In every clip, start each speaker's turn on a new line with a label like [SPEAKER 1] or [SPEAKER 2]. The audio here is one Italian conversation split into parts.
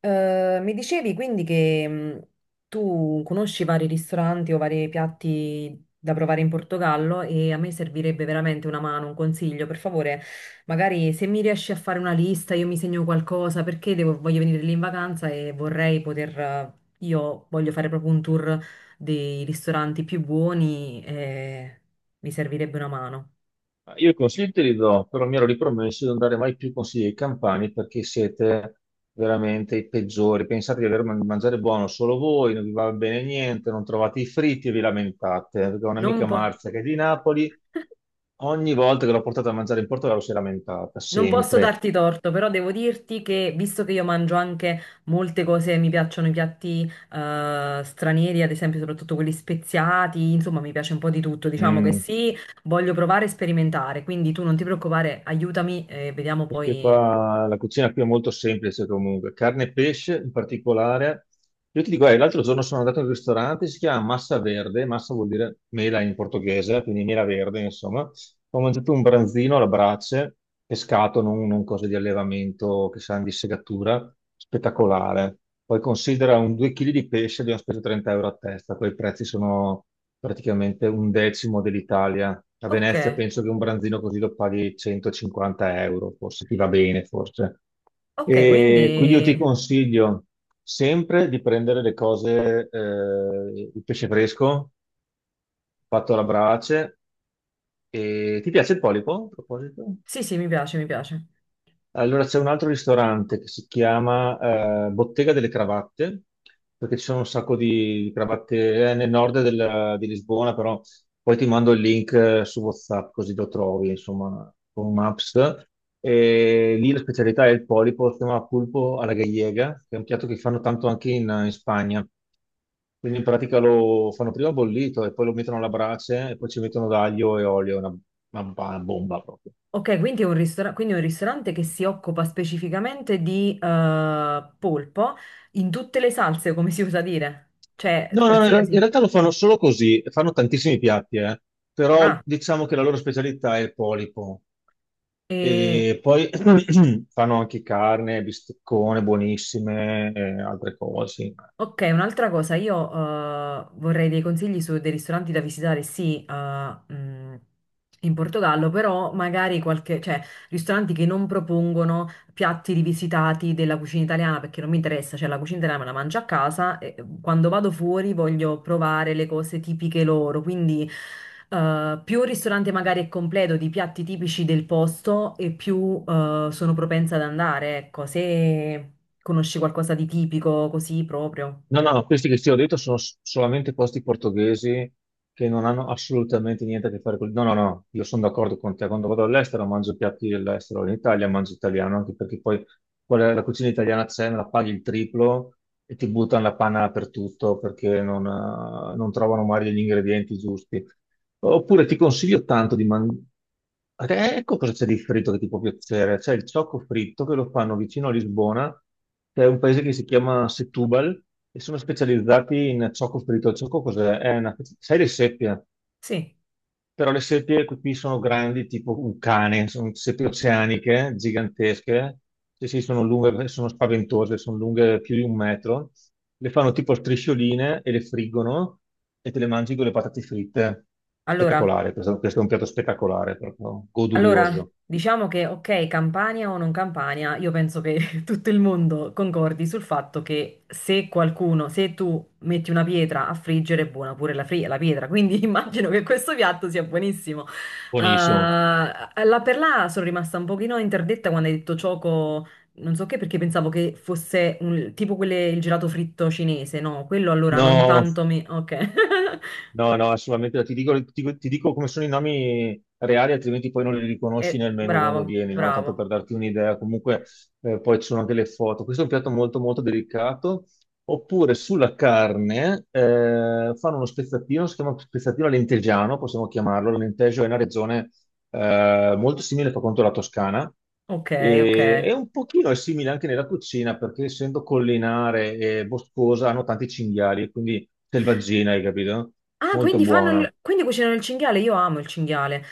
[SPEAKER 1] Mi dicevi quindi che tu conosci vari ristoranti o vari piatti da provare in Portogallo e a me servirebbe veramente una mano, un consiglio. Per favore, magari se mi riesci a fare una lista, io mi segno qualcosa perché voglio venire lì in vacanza e vorrei poter. Io voglio fare proprio un tour dei ristoranti più buoni e mi servirebbe una mano.
[SPEAKER 2] Ma io i consigli te li do, però mi ero ripromesso di non dare mai più consigli ai campani perché siete veramente i peggiori. Pensate di aver mangiare buono solo voi, non vi va bene niente, non trovate i fritti e vi lamentate. Perché ho
[SPEAKER 1] Non un
[SPEAKER 2] un'amica
[SPEAKER 1] po'.
[SPEAKER 2] Marzia che è di Napoli, ogni volta che l'ho portata a mangiare in Portogallo si è lamentata,
[SPEAKER 1] Non posso
[SPEAKER 2] sempre.
[SPEAKER 1] darti torto, però devo dirti che visto che io mangio anche molte cose, mi piacciono i piatti stranieri, ad esempio, soprattutto quelli speziati, insomma, mi piace un po' di tutto. Diciamo che
[SPEAKER 2] Mm.
[SPEAKER 1] sì, voglio provare e sperimentare, quindi tu non ti preoccupare, aiutami e vediamo
[SPEAKER 2] Perché
[SPEAKER 1] poi.
[SPEAKER 2] qua la cucina qui è molto semplice comunque, carne e pesce in particolare. Io ti dico, l'altro giorno sono andato in un ristorante, si chiama Massa Verde, massa vuol dire mela in portoghese, quindi mela verde, insomma. Ho mangiato un branzino alla brace, pescato, non cose di allevamento che sanno di segatura, spettacolare. Poi considera un 2 kg di pesce, abbiamo speso 30 euro a testa, quei prezzi sono praticamente un decimo dell'Italia. A
[SPEAKER 1] Ok,
[SPEAKER 2] Venezia penso che un branzino così lo paghi 150 euro, forse ti va bene, forse.
[SPEAKER 1] ok,
[SPEAKER 2] E quindi io
[SPEAKER 1] quindi
[SPEAKER 2] ti consiglio sempre di prendere le cose, il pesce fresco fatto alla brace. E ti piace il polipo, a proposito?
[SPEAKER 1] sì, sì, mi piace, mi piace.
[SPEAKER 2] Allora c'è un altro ristorante che si chiama Bottega delle Cravatte, perché ci sono un sacco di cravatte nel nord di Lisbona, però poi ti mando il link su WhatsApp così lo trovi, insomma, con Maps. E lì la specialità è il polipo, si chiama pulpo alla gallega, che è un piatto che fanno tanto anche in Spagna. Quindi in pratica lo fanno prima bollito e poi lo mettono alla brace e poi ci mettono d'aglio e olio, è una bomba proprio.
[SPEAKER 1] Ok, quindi è un quindi è un ristorante che si occupa specificamente di polpo in tutte le salse, come si usa dire, cioè
[SPEAKER 2] No, no, no, in
[SPEAKER 1] qualsiasi.
[SPEAKER 2] realtà lo fanno solo così, fanno tantissimi piatti, eh. Però
[SPEAKER 1] Ah.
[SPEAKER 2] diciamo che la loro specialità è il polipo.
[SPEAKER 1] E,
[SPEAKER 2] E poi fanno anche carne, bisteccone, buonissime, e altre cose.
[SPEAKER 1] ok, un'altra cosa, io vorrei dei consigli su dei ristoranti da visitare, sì, in Portogallo, però magari qualche, cioè, ristoranti che non propongono piatti rivisitati della cucina italiana perché non mi interessa, cioè la cucina italiana me la mangio a casa e quando vado fuori voglio provare le cose tipiche loro, quindi più il ristorante magari è completo di piatti tipici del posto e più sono propensa ad andare, ecco, se conosci qualcosa di tipico così proprio.
[SPEAKER 2] No, no, questi che ti ho detto sono solamente posti portoghesi che non hanno assolutamente niente a che fare con... No, no, no, io sono d'accordo con te. Quando vado all'estero mangio piatti dell'estero, in Italia mangio italiano, anche perché poi la cucina italiana c'è, me la paghi il triplo e ti buttano la panna dappertutto perché non trovano mai gli ingredienti giusti. Oppure ti consiglio tanto di mangiare. Ecco cosa c'è di fritto che ti può piacere. C'è il ciocco fritto che lo fanno vicino a Lisbona, che è un paese che si chiama Setúbal, e sono specializzati in ciocco fritto. Il ciocco cos'è? È una... Sai le seppie?
[SPEAKER 1] Sì,
[SPEAKER 2] Però le seppie qui sono grandi, tipo un cane, sono seppie oceaniche, gigantesche. Sì, sì, sono lunghe, sono spaventose, sono lunghe più di un metro. Le fanno tipo a striscioline e le friggono e te le mangi con le patate fritte.
[SPEAKER 1] allora.
[SPEAKER 2] Spettacolare, questo è un piatto spettacolare, proprio
[SPEAKER 1] Allora,
[SPEAKER 2] godurioso.
[SPEAKER 1] diciamo che ok, Campania o non Campania, io penso che tutto il mondo concordi sul fatto che se qualcuno, se tu metti una pietra a friggere, è buona pure la pietra, quindi immagino che questo piatto sia buonissimo.
[SPEAKER 2] Buonissimo.
[SPEAKER 1] La per là sono rimasta un pochino interdetta quando hai detto cioco, non so che, perché pensavo che fosse tipo quelle, il gelato fritto cinese, no? Quello allora non
[SPEAKER 2] No,
[SPEAKER 1] tanto mi... Ok,
[SPEAKER 2] no, no, assolutamente. Ti dico come sono i nomi reali, altrimenti poi non li riconosci
[SPEAKER 1] eh,
[SPEAKER 2] nemmeno quando
[SPEAKER 1] bravo,
[SPEAKER 2] vieni, no? Tanto
[SPEAKER 1] bravo,
[SPEAKER 2] per darti un'idea. Comunque, poi ci sono anche le foto. Questo è un piatto molto, molto delicato. Oppure sulla carne, fanno uno spezzatino, si chiama spezzatino alentegiano, possiamo chiamarlo. L'Alentejo è una regione molto simile per quanto alla Toscana,
[SPEAKER 1] ok, ok.
[SPEAKER 2] e un pochino è simile anche nella cucina perché essendo collinare e boscosa hanno tanti cinghiali, quindi selvaggina, hai capito?
[SPEAKER 1] Ah,
[SPEAKER 2] Molto
[SPEAKER 1] quindi fanno
[SPEAKER 2] buona,
[SPEAKER 1] il... quindi cucinano il cinghiale, io amo il cinghiale.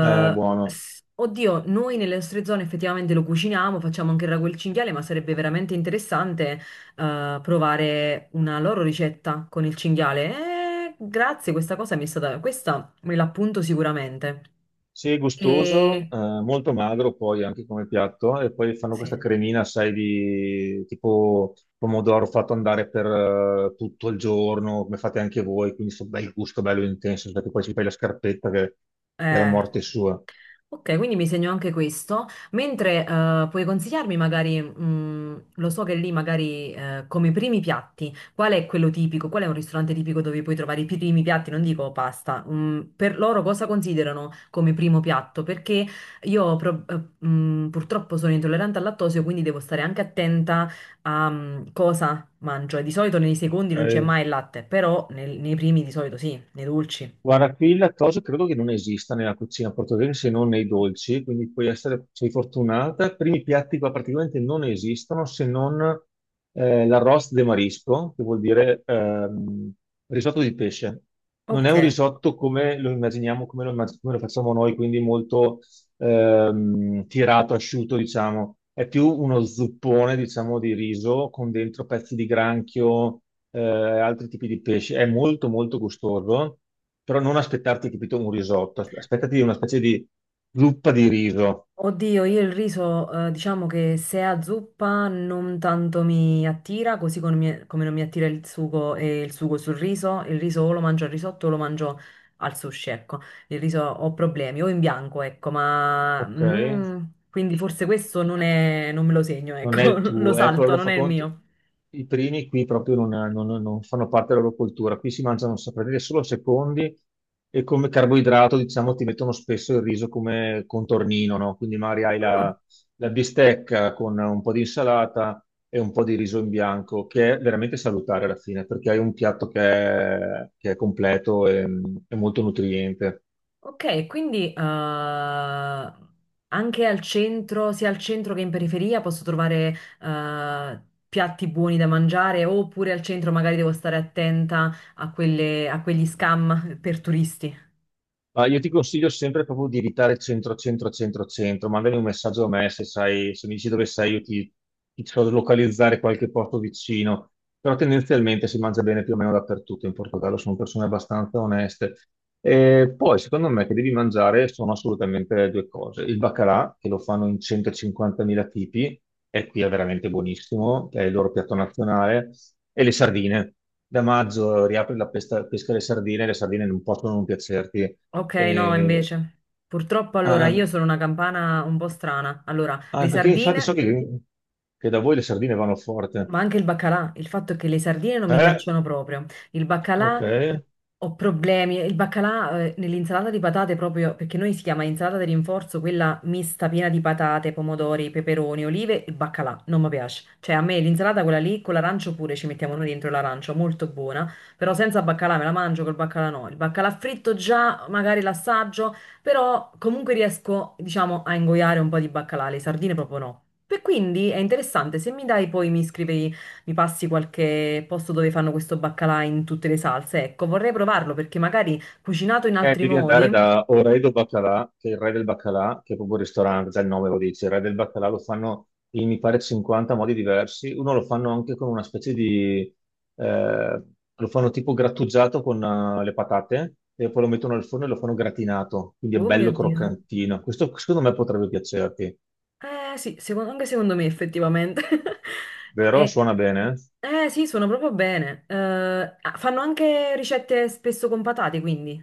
[SPEAKER 2] buono.
[SPEAKER 1] Oddio, noi nelle nostre zone effettivamente lo cuciniamo, facciamo anche il ragù e il cinghiale, ma sarebbe veramente interessante provare una loro ricetta con il cinghiale. Grazie, questa cosa mi è stata... questa me l'appunto sicuramente.
[SPEAKER 2] Sì, gustoso,
[SPEAKER 1] E...
[SPEAKER 2] molto magro poi anche come piatto. E poi fanno questa
[SPEAKER 1] sì,
[SPEAKER 2] cremina, sai, di tipo pomodoro fatto andare per tutto il giorno, come fate anche voi, quindi sto bel gusto, bello intenso, perché poi ci fai la scarpetta che è la
[SPEAKER 1] eh.
[SPEAKER 2] morte sua.
[SPEAKER 1] Ok, quindi mi segno anche questo, mentre puoi consigliarmi magari, lo so che lì magari come primi piatti, qual è quello tipico, qual è un ristorante tipico dove puoi trovare i primi piatti, non dico pasta, mm, per loro cosa considerano come primo piatto? Perché io purtroppo sono intollerante al lattosio, quindi devo stare anche attenta a cosa mangio e di solito nei secondi non c'è
[SPEAKER 2] Ok.
[SPEAKER 1] mai il latte, però nei primi di solito sì, nei dolci.
[SPEAKER 2] Guarda, qui il lattosio credo che non esista nella cucina portoghese se non nei dolci, quindi puoi essere, sei fortunata. Primi piatti qua praticamente non esistono se non l'arroz de marisco, che vuol dire risotto di pesce. Non è
[SPEAKER 1] Ok.
[SPEAKER 2] un risotto come lo immaginiamo, come lo facciamo noi, quindi molto tirato, asciutto, diciamo. È più uno zuppone, diciamo, di riso con dentro pezzi di granchio, altri tipi di pesce. È molto, molto gustoso, però non aspettarti, capito, un risotto, aspettati una specie di zuppa di riso.
[SPEAKER 1] Oddio, io il riso, diciamo che se è a zuppa non tanto mi attira, così come, come non mi attira il sugo e il sugo sul riso, il riso o lo mangio al risotto o lo mangio al sushi, ecco, il riso ho problemi, o in bianco, ecco, ma
[SPEAKER 2] Ok,
[SPEAKER 1] mm, quindi forse questo non è, non me lo segno,
[SPEAKER 2] non è
[SPEAKER 1] ecco,
[SPEAKER 2] il
[SPEAKER 1] lo
[SPEAKER 2] tuo. Ecco,
[SPEAKER 1] salto,
[SPEAKER 2] allora
[SPEAKER 1] non
[SPEAKER 2] fa
[SPEAKER 1] è il
[SPEAKER 2] conto,
[SPEAKER 1] mio.
[SPEAKER 2] i primi qui proprio non fanno parte della loro cultura. Qui si mangiano, saprei dire, solo secondi e come carboidrato, diciamo, ti mettono spesso il riso come contornino, no? Quindi magari hai
[SPEAKER 1] Ah,
[SPEAKER 2] la bistecca con un po' di insalata e un po' di riso in bianco, che è veramente salutare alla fine, perché hai un piatto che è completo e molto nutriente.
[SPEAKER 1] ok, quindi anche al centro, sia al centro che in periferia, posso trovare eh, piatti buoni da mangiare, oppure al centro magari devo stare attenta a a quegli scam per turisti.
[SPEAKER 2] Ma io ti consiglio sempre proprio di evitare centro, centro, centro, centro. Mandami un messaggio a me, se sai, se mi dici dove sei, io ti so localizzare qualche posto vicino, però tendenzialmente si mangia bene più o meno dappertutto in Portogallo, sono persone abbastanza oneste. E poi, secondo me, che devi mangiare sono assolutamente due cose. Il baccalà, che lo fanno in 150.000 tipi, e qui è veramente buonissimo, è il loro piatto nazionale, e le sardine. Da maggio riapre la pesca, pesca alle sardine, le sardine non possono non piacerti.
[SPEAKER 1] Ok, no,
[SPEAKER 2] E-
[SPEAKER 1] invece. Purtroppo allora
[SPEAKER 2] ah,
[SPEAKER 1] io sono una campana un po' strana. Allora, le
[SPEAKER 2] ah, perché infatti so
[SPEAKER 1] sardine,
[SPEAKER 2] che da voi le sardine vanno forte.
[SPEAKER 1] ma anche il baccalà. Il fatto è che le sardine non mi
[SPEAKER 2] Eh,
[SPEAKER 1] piacciono proprio. Il
[SPEAKER 2] ok.
[SPEAKER 1] baccalà ho problemi. Il baccalà, nell'insalata di patate proprio, perché noi si chiama insalata di rinforzo, quella mista piena di patate, pomodori, peperoni, olive, il baccalà, non mi piace. Cioè a me l'insalata quella lì, con l'arancio pure ci mettiamo noi dentro l'arancio, molto buona, però senza baccalà me la mangio, col baccalà no. Il baccalà fritto già, magari l'assaggio, però comunque riesco, diciamo, a ingoiare un po' di baccalà, le sardine proprio no. E quindi è interessante, se mi dai poi mi scrivi mi passi qualche posto dove fanno questo baccalà in tutte le salse. Ecco, vorrei provarlo perché magari cucinato in altri
[SPEAKER 2] Devi andare
[SPEAKER 1] modi.
[SPEAKER 2] da Oredo Baccalà, che è il re del baccalà, che è proprio il ristorante, già il nome lo dice, il re del baccalà lo fanno in mi pare 50 modi diversi. Uno lo fanno anche con una specie di, eh, lo fanno tipo grattugiato con le patate e poi lo mettono al forno e lo fanno gratinato, quindi è
[SPEAKER 1] Oh mio
[SPEAKER 2] bello
[SPEAKER 1] Dio.
[SPEAKER 2] croccantino. Questo secondo me potrebbe piacerti,
[SPEAKER 1] Eh sì, anche secondo me effettivamente.
[SPEAKER 2] vero?
[SPEAKER 1] Eh,
[SPEAKER 2] Suona bene?
[SPEAKER 1] sì, sono proprio bene. Ah, fanno anche ricette spesso con patate, quindi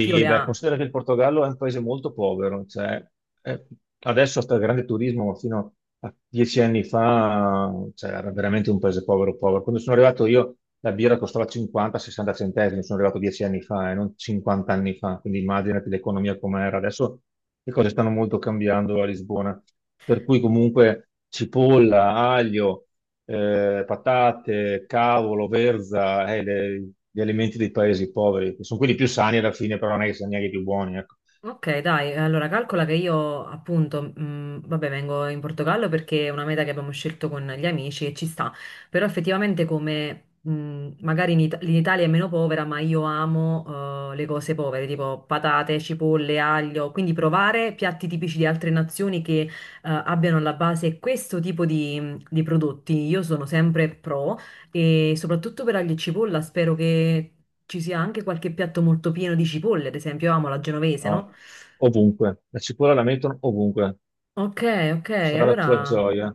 [SPEAKER 1] chi o le
[SPEAKER 2] beh,
[SPEAKER 1] ha?
[SPEAKER 2] considera che il Portogallo è un paese molto povero, cioè, eh, adesso sta il grande turismo, ma fino a 10 anni fa, cioè, era veramente un paese povero, povero. Quando sono arrivato io, la birra costava 50-60 centesimi, sono arrivato 10 anni fa e non 50 anni fa, quindi immaginati l'economia com'era. Adesso le cose stanno molto cambiando a Lisbona, per cui comunque cipolla, aglio, patate, cavolo, verza, gli alimenti dei paesi poveri, che sono quelli più sani alla fine, però non è che siano neanche i più buoni, ecco.
[SPEAKER 1] Ok, dai, allora calcola che io appunto, vabbè, vengo in Portogallo perché è una meta che abbiamo scelto con gli amici e ci sta, però effettivamente come magari l'Italia è meno povera, ma io amo le cose povere, tipo patate, cipolle, aglio, quindi provare piatti tipici di altre nazioni che abbiano alla base questo tipo di prodotti, io sono sempre pro. E soprattutto per aglio e cipolla spero che ci sia anche qualche piatto molto pieno di cipolle, ad esempio, io amo la genovese, no?
[SPEAKER 2] No, ovunque. La cipolla la mettono ovunque.
[SPEAKER 1] Ok, ok,
[SPEAKER 2] Sarà la tua
[SPEAKER 1] allora,
[SPEAKER 2] gioia.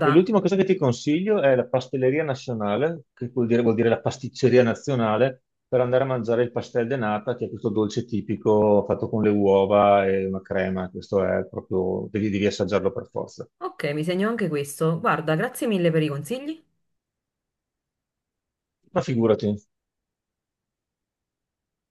[SPEAKER 2] E l'ultima cosa che ti consiglio è la pastelleria nazionale, che vuol dire la pasticceria nazionale, per andare a mangiare il pastel de nata, che è questo dolce tipico fatto con le uova e una crema. Questo è proprio, devi, devi assaggiarlo per forza.
[SPEAKER 1] ok, mi segno anche questo. Guarda, grazie mille per i consigli.
[SPEAKER 2] Ma figurati.